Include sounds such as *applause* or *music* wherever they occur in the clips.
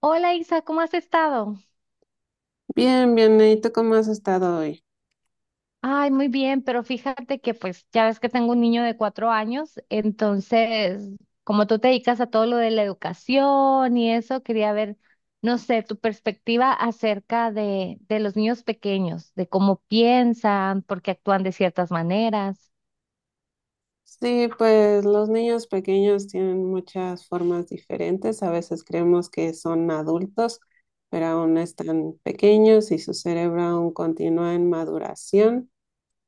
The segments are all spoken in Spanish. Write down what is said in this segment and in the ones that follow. Hola Isa, ¿cómo has estado? Bien, bien, ¿y tú cómo has estado hoy? Ay, muy bien, pero fíjate que pues ya ves que tengo un niño de 4 años, entonces como tú te dedicas a todo lo de la educación y eso, quería ver, no sé, tu perspectiva acerca de los niños pequeños, de cómo piensan, por qué actúan de ciertas maneras. Sí, pues los niños pequeños tienen muchas formas diferentes. A veces creemos que son adultos, pero aún están pequeños y su cerebro aún continúa en maduración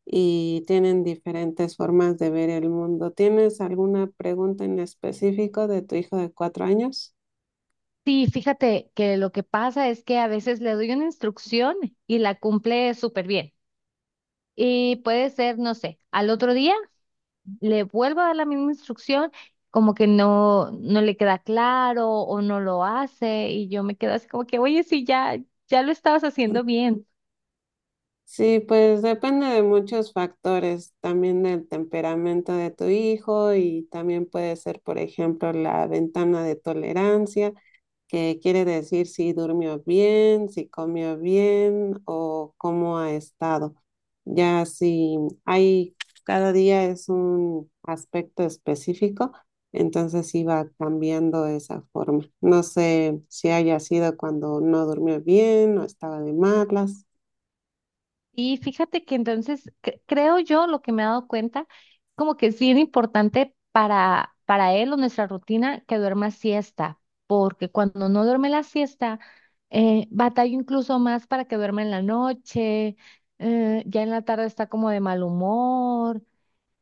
y tienen diferentes formas de ver el mundo. ¿Tienes alguna pregunta en específico de tu hijo de 4 años? Sí, fíjate que lo que pasa es que a veces le doy una instrucción y la cumple súper bien. Y puede ser, no sé, al otro día. Le vuelvo a dar la misma instrucción, como que no le queda claro o no lo hace y yo me quedo así como que, oye, sí, ya, ya lo estabas haciendo bien. Sí, pues depende de muchos factores, también del temperamento de tu hijo y también puede ser, por ejemplo, la ventana de tolerancia, que quiere decir si durmió bien, si comió bien o cómo ha estado. Ya si hay, cada día es un aspecto específico, entonces iba cambiando esa forma. No sé si haya sido cuando no durmió bien o estaba de malas. Y fíjate que entonces creo yo lo que me he dado cuenta, como que es bien importante para él o nuestra rutina que duerma siesta, porque cuando no duerme la siesta, batalla incluso más para que duerma en la noche, ya en la tarde está como de mal humor.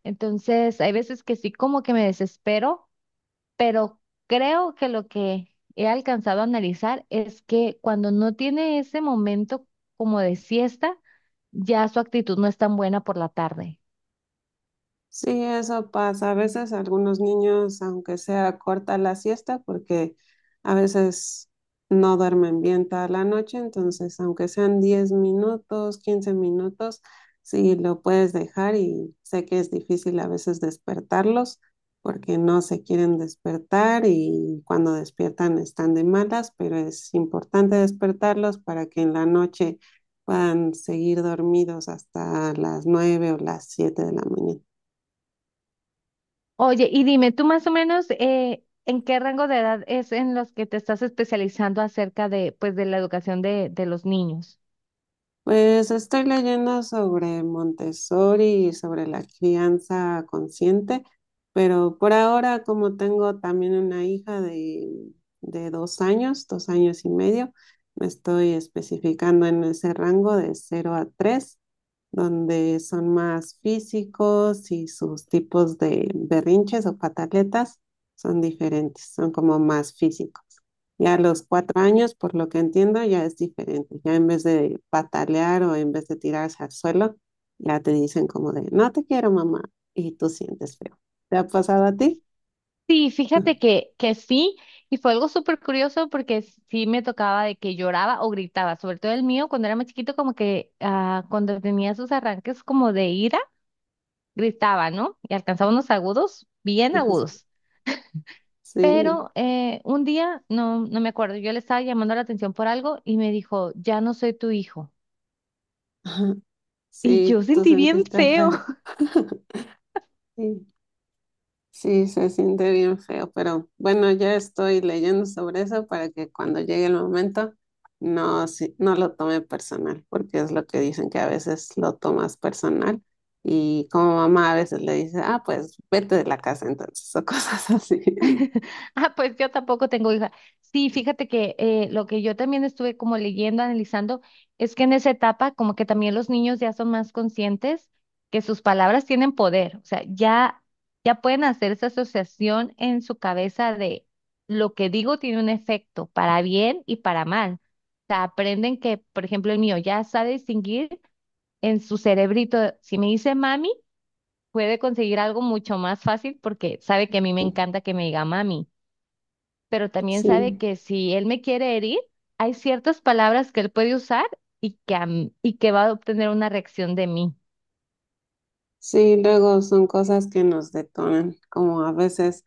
Entonces, hay veces que sí, como que me desespero, pero creo que lo que he alcanzado a analizar es que cuando no tiene ese momento como de siesta, ya su actitud no es tan buena por la tarde. Sí, eso pasa. A veces algunos niños, aunque sea corta la siesta, porque a veces no duermen bien toda la noche, entonces aunque sean 10 minutos, 15 minutos, sí lo puedes dejar, y sé que es difícil a veces despertarlos porque no se quieren despertar y cuando despiertan están de malas, pero es importante despertarlos para que en la noche puedan seguir dormidos hasta las 9 o las 7 de la mañana. Oye, y dime, tú más o menos, ¿en qué rango de edad es en los que te estás especializando acerca de, pues, de la educación de los niños? Pues estoy leyendo sobre Montessori y sobre la crianza consciente, pero por ahora, como tengo también una hija de 2 años, 2 años y medio, me estoy especificando en ese rango de 0 a 3, donde son más físicos y sus tipos de berrinches o pataletas son diferentes, son como más físicos. Ya a los 4 años, por lo que entiendo, ya es diferente. Ya en vez de patalear o en vez de tirarse al suelo, ya te dicen como de, no te quiero, mamá, y tú sientes feo. ¿Te ha pasado a ti? Sí, fíjate *laughs* que sí, y fue algo súper curioso porque sí me tocaba de que lloraba o gritaba, sobre todo el mío cuando era más chiquito, como que ah, cuando tenía sus arranques como de ira, gritaba, ¿no? Y alcanzaba unos agudos, bien agudos. Sí, Pero un día, no me acuerdo, yo le estaba llamando la atención por algo y me dijo, ya no soy tu hijo. *laughs* Y yo sí, tú sentí bien sentiste feo. feo. *laughs* Sí. Sí, se siente bien feo, pero bueno, ya estoy leyendo sobre eso para que cuando llegue el momento no, no lo tome personal, porque es lo que dicen que a veces lo tomas personal y como mamá a veces le dice, ah, pues vete de la casa entonces *laughs* o cosas así. Ah, pues yo tampoco tengo hija. Sí, fíjate que lo que yo también estuve como leyendo, analizando, es que en esa etapa como que también los niños ya son más conscientes que sus palabras tienen poder, o sea, ya, ya pueden hacer esa asociación en su cabeza de lo que digo tiene un efecto para bien y para mal. O sea, aprenden que, por ejemplo, el mío ya sabe distinguir en su cerebrito, si me dice mami, puede conseguir algo mucho más fácil porque sabe que a mí me *laughs* encanta que me diga mami, pero también sabe Sí, que si él me quiere herir, hay ciertas palabras que él puede usar y que, y que va a obtener una reacción de mí. sí, luego son cosas que nos detonan, como a veces.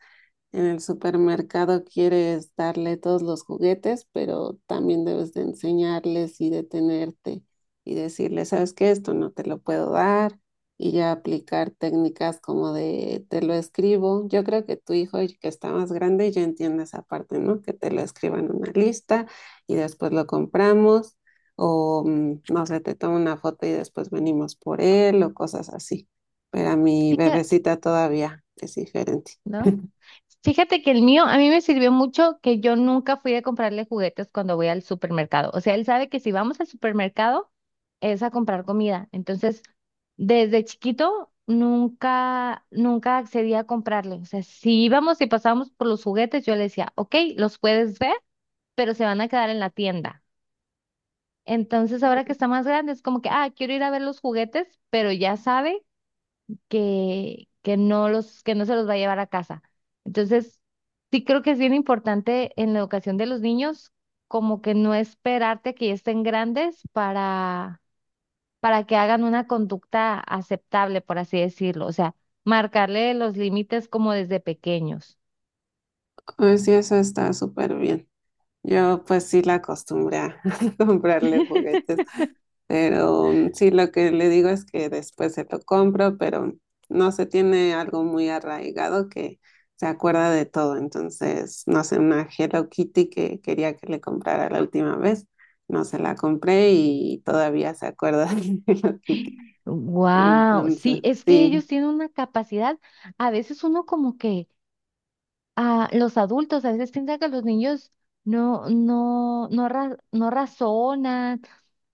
En el supermercado quieres darle todos los juguetes, pero también debes de enseñarles y detenerte y decirles, ¿sabes qué? Esto no te lo puedo dar, y ya aplicar técnicas como de te lo escribo. Yo creo que tu hijo que está más grande ya entiende esa parte, ¿no? Que te lo escriban en una lista y después lo compramos, o mm, no sé, te tomo una foto y después venimos por él o cosas así. Pero a mi Fíjate, bebecita todavía es diferente. ¿no? Fíjate que el mío a mí me sirvió mucho que yo nunca fui a comprarle juguetes cuando voy al supermercado. O sea, él sabe que si vamos al supermercado es a comprar comida. Entonces, desde chiquito nunca accedí a comprarle. O sea, si íbamos y pasábamos por los juguetes, yo le decía, ok, los puedes ver, pero se van a quedar en la tienda. Entonces, ahora que está más grande, es como que, ah, quiero ir a ver los juguetes, pero ya sabe que, que no se los va a llevar a casa. Entonces, sí creo que es bien importante en la educación de los niños, como que no esperarte que ya estén grandes para que hagan una conducta aceptable, por así decirlo. O sea, marcarle los límites como desde pequeños. Pues sí, eso está súper bien. Yo pues sí la acostumbré a *laughs* comprarle juguetes, pero mm, sí, lo que le digo es que después se lo compro, pero no se tiene algo muy arraigado, que se acuerda de todo. Entonces, no sé, una Hello Kitty que quería que le comprara la última vez, no se la compré y todavía se acuerda *laughs* de Hello Kitty. Wow, sí, Entonces, es que sí, ellos tienen una capacidad, a veces uno como que a los adultos a veces piensan que los niños no razonan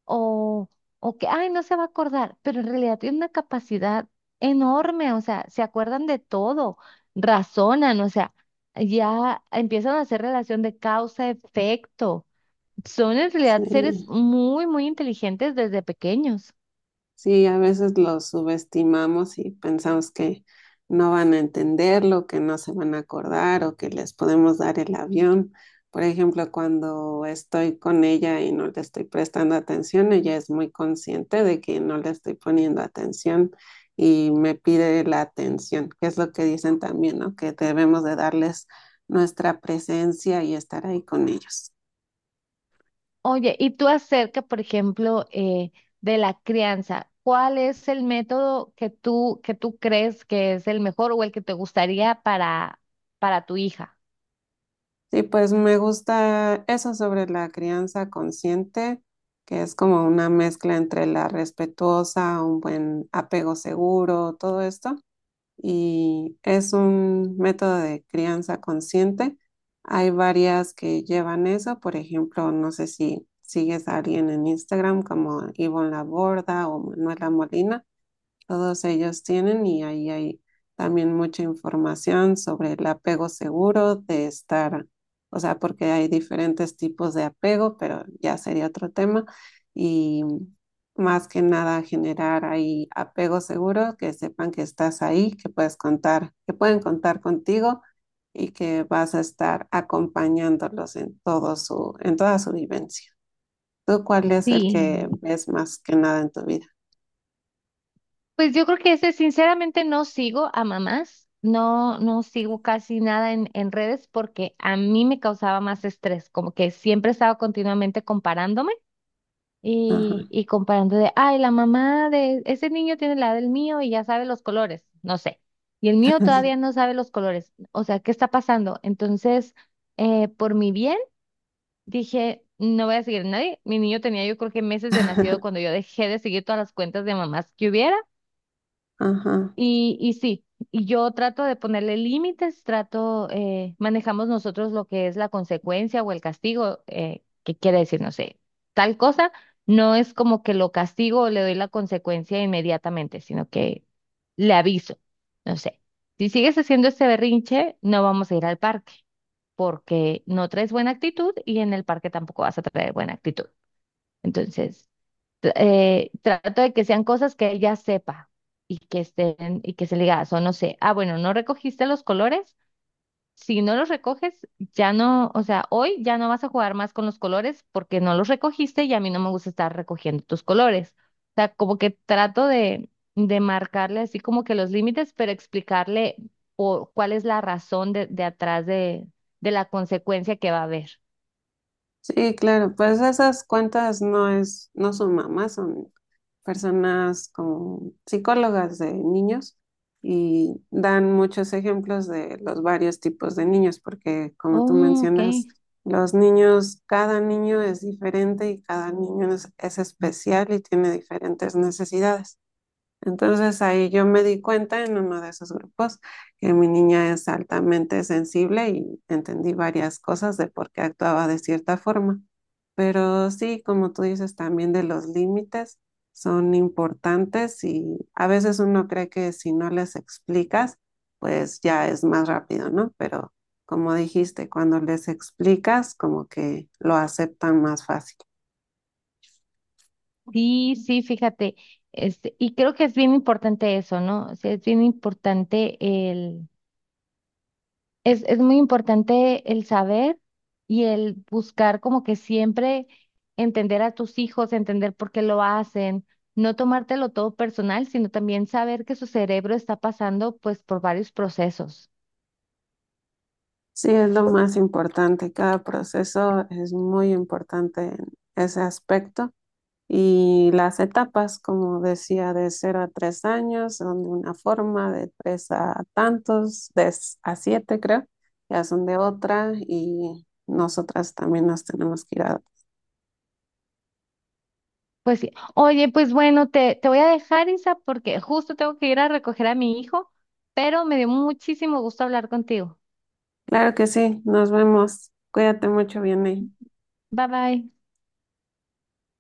o, o que, ay, no se va a acordar, pero en realidad tienen una capacidad enorme, o sea, se acuerdan de todo, razonan, o sea, ya empiezan a hacer relación de causa-efecto. Son en realidad seres sí. muy, muy inteligentes desde pequeños. Sí, a veces los subestimamos y pensamos que no van a entenderlo, que no se van a acordar o que les podemos dar el avión. Por ejemplo, cuando estoy con ella y no le estoy prestando atención, ella es muy consciente de que no le estoy poniendo atención y me pide la atención, que es lo que dicen también, ¿no? Que debemos de darles nuestra presencia y estar ahí con ellos. Oye, y tú acerca, por ejemplo, de la crianza, ¿cuál es el método que que tú crees que es el mejor o el que te gustaría para tu hija? Sí, pues me gusta eso sobre la crianza consciente, que es como una mezcla entre la respetuosa, un buen apego seguro, todo esto. Y es un método de crianza consciente. Hay varias que llevan eso, por ejemplo, no sé si sigues a alguien en Instagram como Ivonne Laborda o Manuela Molina. Todos ellos tienen, y ahí hay también mucha información sobre el apego seguro de estar, o sea, porque hay diferentes tipos de apego, pero ya sería otro tema, y más que nada generar ahí apego seguro, que sepan que estás ahí, que puedes contar, que pueden contar contigo y que vas a estar acompañándolos en en toda su vivencia. ¿Tú cuál es el Sí. que ves más que nada en tu vida? Pues yo creo que ese, sinceramente, no sigo a mamás, no sigo casi nada en redes porque a mí me causaba más estrés, como que siempre estaba continuamente comparándome. Y, Ajá. y comparando de, ay, la mamá de ese niño tiene la edad del mío y ya sabe los colores, no sé. Y el mío todavía no sabe los colores. O sea, ¿qué está pasando? Entonces, por mi bien, dije, no voy a seguir a nadie. Mi niño tenía yo creo que meses de nacido *laughs* cuando yo dejé de seguir todas las cuentas de mamás que hubiera. Ajá. Y sí, y yo trato de ponerle límites, trato, manejamos nosotros lo que es la consecuencia o el castigo, que quiere decir, no sé, tal cosa, no es como que lo castigo o le doy la consecuencia inmediatamente, sino que le aviso, no sé, si sigues haciendo este berrinche, no vamos a ir al parque, porque no traes buena actitud y en el parque tampoco vas a traer buena actitud. Entonces trato de que sean cosas que ella sepa y que estén y que se le diga, o no sé, ah, bueno, no recogiste los colores, si no los recoges, ya no, o sea, hoy ya no vas a jugar más con los colores porque no los recogiste y a mí no me gusta estar recogiendo tus colores. O sea, como que trato de marcarle así como que los límites, pero explicarle por, cuál es la razón de atrás de la consecuencia que va a haber. Sí, claro, pues esas cuentas no son mamás, son personas como psicólogas de niños y dan muchos ejemplos de los varios tipos de niños, porque como tú Oh, ok. mencionas, los niños, cada niño es diferente y cada niño es especial y tiene diferentes necesidades. Entonces ahí yo me di cuenta en uno de esos grupos que mi niña es altamente sensible y entendí varias cosas de por qué actuaba de cierta forma. Pero sí, como tú dices, también de los límites son importantes, y a veces uno cree que si no les explicas, pues ya es más rápido, ¿no? Pero como dijiste, cuando les explicas, como que lo aceptan más fácil. Sí, sí, fíjate, este, y creo que es bien importante eso, ¿no? O sea, es bien importante el, es muy importante el saber y el buscar como que siempre entender a tus hijos, entender por qué lo hacen, no tomártelo todo personal, sino también saber que su cerebro está pasando pues por varios procesos. Sí, es lo más importante. Cada proceso es muy importante en ese aspecto. Y las etapas, como decía, de 0 a 3 años, son de una forma, de 3 a tantos, a 7 creo, ya son de otra y nosotras también nos tenemos que ir a... Pues sí, oye, pues bueno, te voy a dejar, Isa, porque justo tengo que ir a recoger a mi hijo, pero me dio muchísimo gusto hablar contigo. Claro que sí, nos vemos. Cuídate mucho, Vianney. Bye bye.